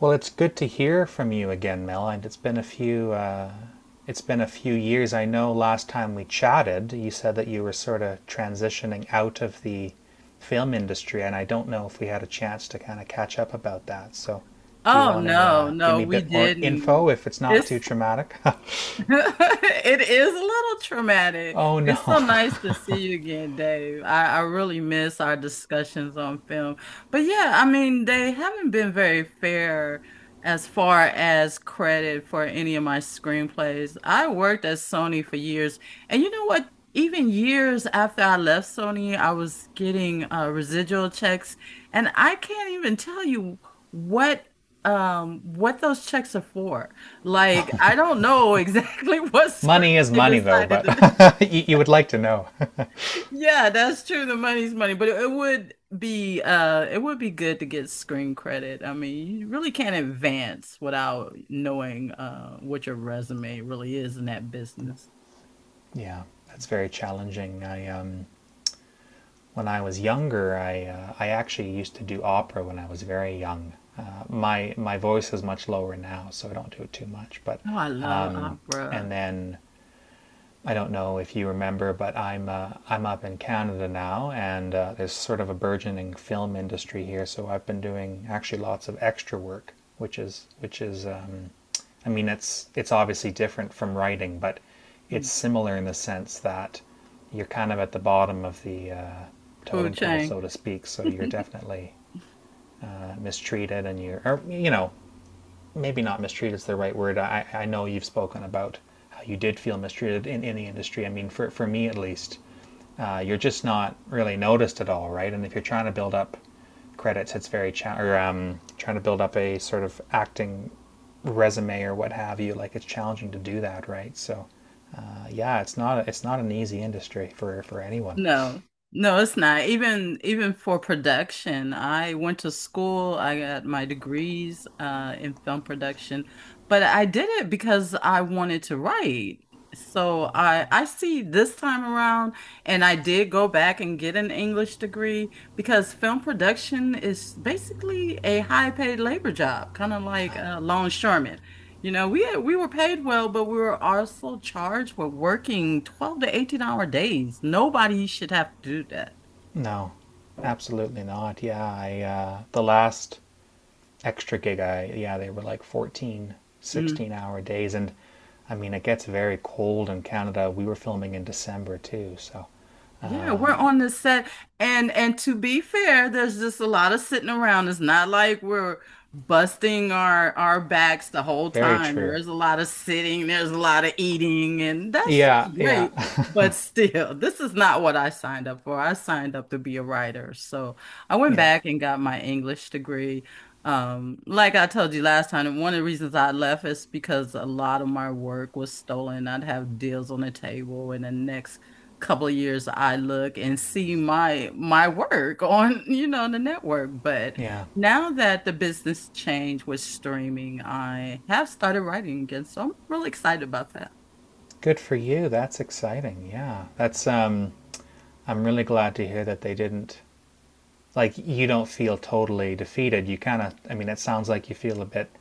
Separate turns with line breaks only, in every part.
Well, it's good to hear from you again, Mel. And it's been a few years. I know last time we chatted, you said that you were sort of transitioning out of the film industry, and I don't know if we had a chance to kind of catch up about that. So, do you
Oh
want to
no,
give
no,
me a
we
bit more
didn't.
info if it's not too
It's
traumatic?
It is a little traumatic.
oh
It's so
no.
nice to see you again, Dave. I really miss our discussions on film. But yeah, I mean, they haven't been very fair as far as credit for any of my screenplays. I worked at Sony for years, and you know what? Even years after I left Sony, I was getting residual checks, and I can't even tell you what what those checks are for. Like, I don't know exactly what script
money is
they
money though,
decided
but
to.
you would like to know.
Yeah, that's true. The money's money, but it would be it would be good to get screen credit. I mean, you really can't advance without knowing what your resume really is in that business.
yeah, that's very challenging. I When I was younger, I actually used to do opera when I was very young. My voice is much lower now, so I don't do it too much. But
Oh, I love
um, and
opera.
then I don't know if you remember, but I'm up in Canada now, and there's sort of a burgeoning film industry here. So I've been doing actually lots of extra work, which is which is. I mean, it's obviously different from writing, but it's
Mm.
similar in the sense that you're kind of at the bottom of the
Food
totem pole,
chain.
so to speak. So you're definitely mistreated, and you're or, you know, maybe not mistreated is the right word. I know you've spoken about how you did feel mistreated in the industry. I mean, for me at least, you're just not really noticed at all, right? And if you're trying to build up credits, it's very cha- or trying to build up a sort of acting resume or what have you. Like it's challenging to do that, right? So yeah, it's not, it's not an easy industry for anyone.
No, no, it's not. Even for production, I went to school. I got my degrees in film production, but I did it because I wanted to write. So I see this time around, and I did go back and get an English degree because film production is basically a high paid labor job, kind of like a longshoreman. You know, we were paid well, but we were also charged with working 12 to 18 hour days. Nobody should have to do that.
No, absolutely not. Yeah, I the last extra gig I. Yeah, they were like 14,
Mm.
16 hour days, and I mean it gets very cold in Canada. We were filming in December too, so
Yeah, we're on the set and to be fair, there's just a lot of sitting around. It's not like we're busting our backs the whole
very
time.
true.
There's a lot of sitting, there's a lot of eating, and that's just
Yeah, yeah.
great. But still, this is not what I signed up for. I signed up to be a writer. So I went
Yeah.
back and got my English degree. Like I told you last time, one of the reasons I left is because a lot of my work was stolen. I'd have deals on the table, and the next couple of years I look and see my work on, you know, the network. But
Yeah.
now that the business change with streaming, I have started writing again. So I'm really excited about that.
Good for you. That's exciting. Yeah. That's I'm really glad to hear that they didn't, like, you don't feel totally defeated. You kind of, I mean, it sounds like you feel a bit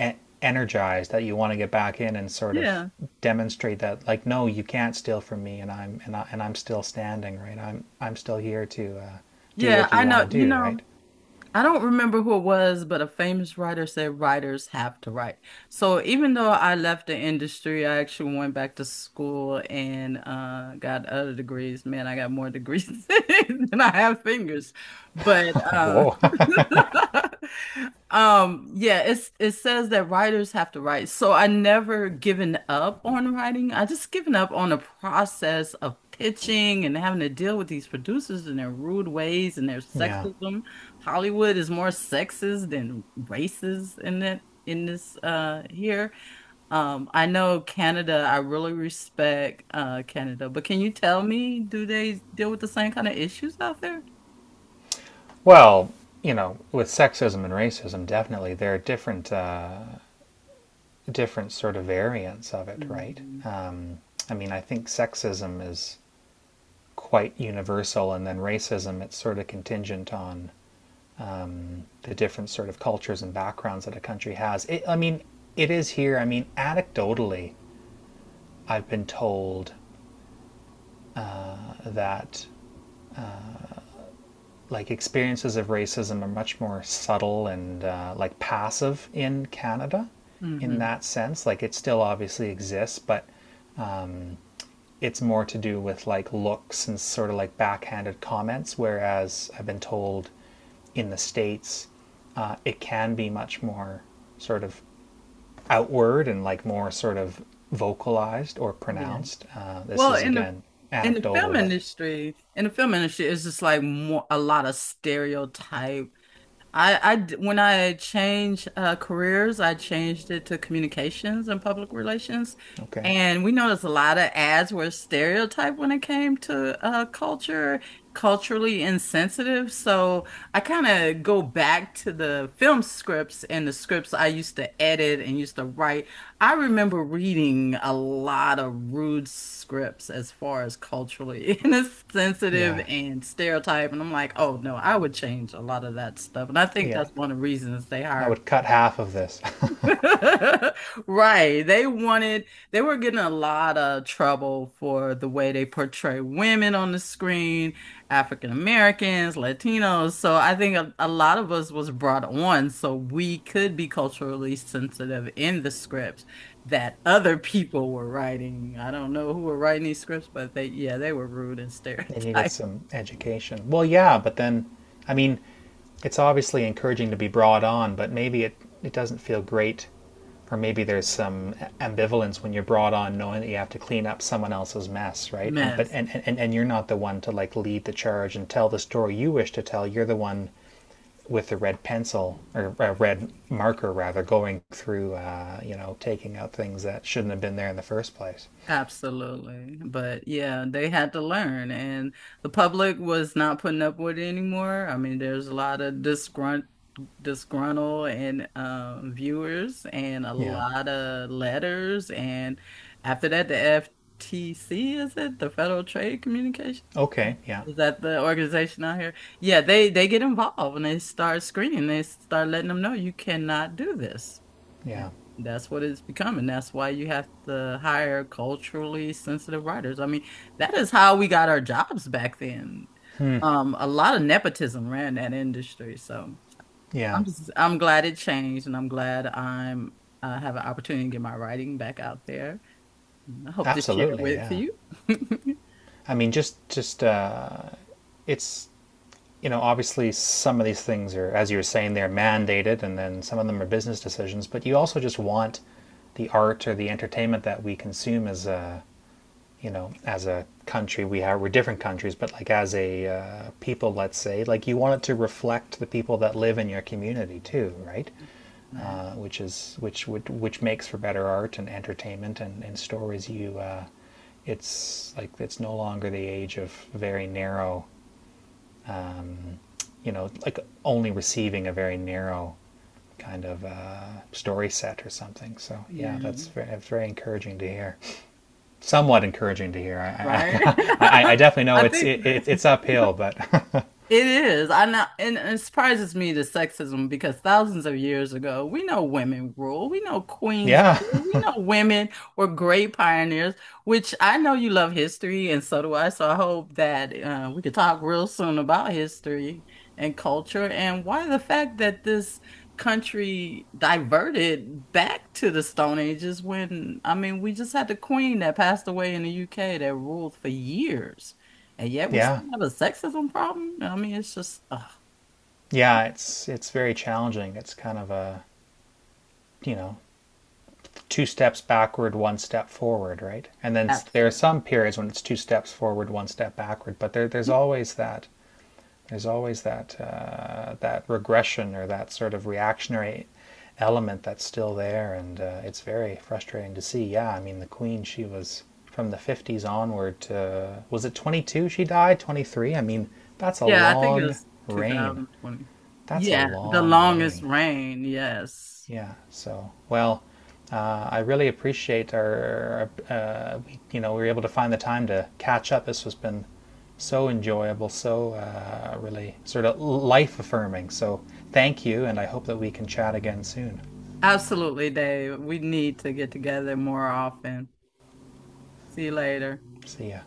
e- energized, that you want to get back in and sort of
Yeah.
demonstrate that, like, no, you can't steal from me, and I'm still standing, right? I'm still here to do
Yeah,
what you
I
want
know.
to
You
do, right?
know, I don't remember who it was, but a famous writer said writers have to write. So even though I left the industry, I actually went back to school and got other degrees. Man, I got more degrees than I have fingers. But
Whoa.
yeah, it's it says that writers have to write. So I never given up on writing. I just given up on the process of pitching and having to deal with these producers and their rude ways and their
yeah,
sexism. Hollywood is more sexist than racist in it in this here. I know Canada, I really respect Canada, but can you tell me, do they deal with the same kind of issues out there?
well, you know, with sexism and racism, definitely there are different different sort of variants of it, right?
Mm-hmm.
I mean, I think sexism is quite universal, and then racism, it's sort of contingent on the different sort of cultures and backgrounds that a country has. I mean, it is here. I mean, anecdotally, I've been told that, like, experiences of racism are much more subtle and like passive in Canada in
Hmm.
that sense. Like, it still obviously exists, but it's more to do with like looks and sort of like backhanded comments. Whereas I've been told, in the States, it can be much more sort of outward and like more sort of vocalized or
Yeah.
pronounced. This
Well,
is again
in the
anecdotal,
film
but
industry, in the film industry, it's just like more a lot of stereotype. When I changed careers, I changed it to communications and public relations.
okay.
And we noticed a lot of ads were stereotyped when it came to culture, culturally insensitive. So I kind of go back to the film scripts and the scripts I used to edit and used to write. I remember reading a lot of rude scripts as far as culturally insensitive
Yeah,
and stereotype, and I'm like, oh no, I would change a lot of that stuff. And I think
yeah.
that's one of the reasons they
I
hired.
would cut half of this.
Right. They were getting a lot of trouble for the way they portray women on the screen, African Americans, Latinos. So I think a lot of us was brought on so we could be culturally sensitive in the scripts that other people were writing. I don't know who were writing these scripts, but they, yeah, they were rude and
they needed
stereotype.
some education. Well, yeah, but then, I mean, it's obviously encouraging to be brought on, but it doesn't feel great. Or maybe there's some ambivalence when you're brought on knowing that you have to clean up someone else's mess, right? And but
Mess.
and you're not the one to, like, lead the charge and tell the story you wish to tell. You're the one with the red pencil, or a red marker rather, going through, you know, taking out things that shouldn't have been there in the first place.
Absolutely. But yeah, they had to learn, and the public was not putting up with it anymore. I mean, there's a lot of disgruntled and viewers and a
Yeah.
lot of letters. And after that, the FTC, is it? The Federal Trade Communication?
Okay. Yeah,
Is that the organization out here? Yeah, they get involved and they start screening. They start letting them know you cannot do this. And
yeah.
that's what it's becoming. That's why you have to hire culturally sensitive writers. I mean, that is how we got our jobs back then. A lot of nepotism ran that industry. So
Yeah,
I'm glad it changed, and I'm I have an opportunity to get my writing back out there. I hope to share
absolutely.
with
Yeah,
you.
I mean, just it's you know, obviously some of these things are, as you were saying, they're mandated, and then some of them are business decisions, but you also just want the art or the entertainment that we consume as a. You know, as a country, we are, we're different countries, but like, as a people, let's say, like, you want it to reflect the people that live in your community too, right?
Right.
Which is which would which makes for better art and entertainment and stories. It's like, it's no longer the age of very narrow, you know, like, only receiving a very narrow kind of story set or something. So yeah,
Yeah.
that's very, very encouraging to hear. Somewhat encouraging to hear.
Right.
I definitely know
I think
it's uphill, but
It is. I know, and it surprises me the sexism because thousands of years ago, we know women rule. We know queens
yeah,
rule. We know women were great pioneers, which I know you love history, and so do I. So I hope that we could talk real soon about history and culture and why the fact that this country diverted back to the Stone Ages when, I mean, we just had the queen that passed away in the UK that ruled for years. And yet we still
yeah,
have a sexism problem. No, I mean, it's just ugh,
yeah. It's very challenging. It's kind of a, you know, two steps backward, one step forward, right? And then there are
absolutely.
some periods when it's two steps forward, one step backward, but there's always that. There's always that that regression or that sort of reactionary element that's still there, and it's very frustrating to see. Yeah, I mean, the Queen, she was from the 50s onward to, was it 22 she died? 23? I mean, that's a
Yeah, I think it
long
was
reign.
2020.
That's a
Yeah, the
long
longest
reign.
reign. Yes.
Yeah. So, well, I really appreciate our, you know, we were able to find the time to catch up. This has been so enjoyable, so really sort of life affirming. So, thank you, and I hope that we can chat again soon.
Absolutely, Dave. We need to get together more often. See you later.
See ya.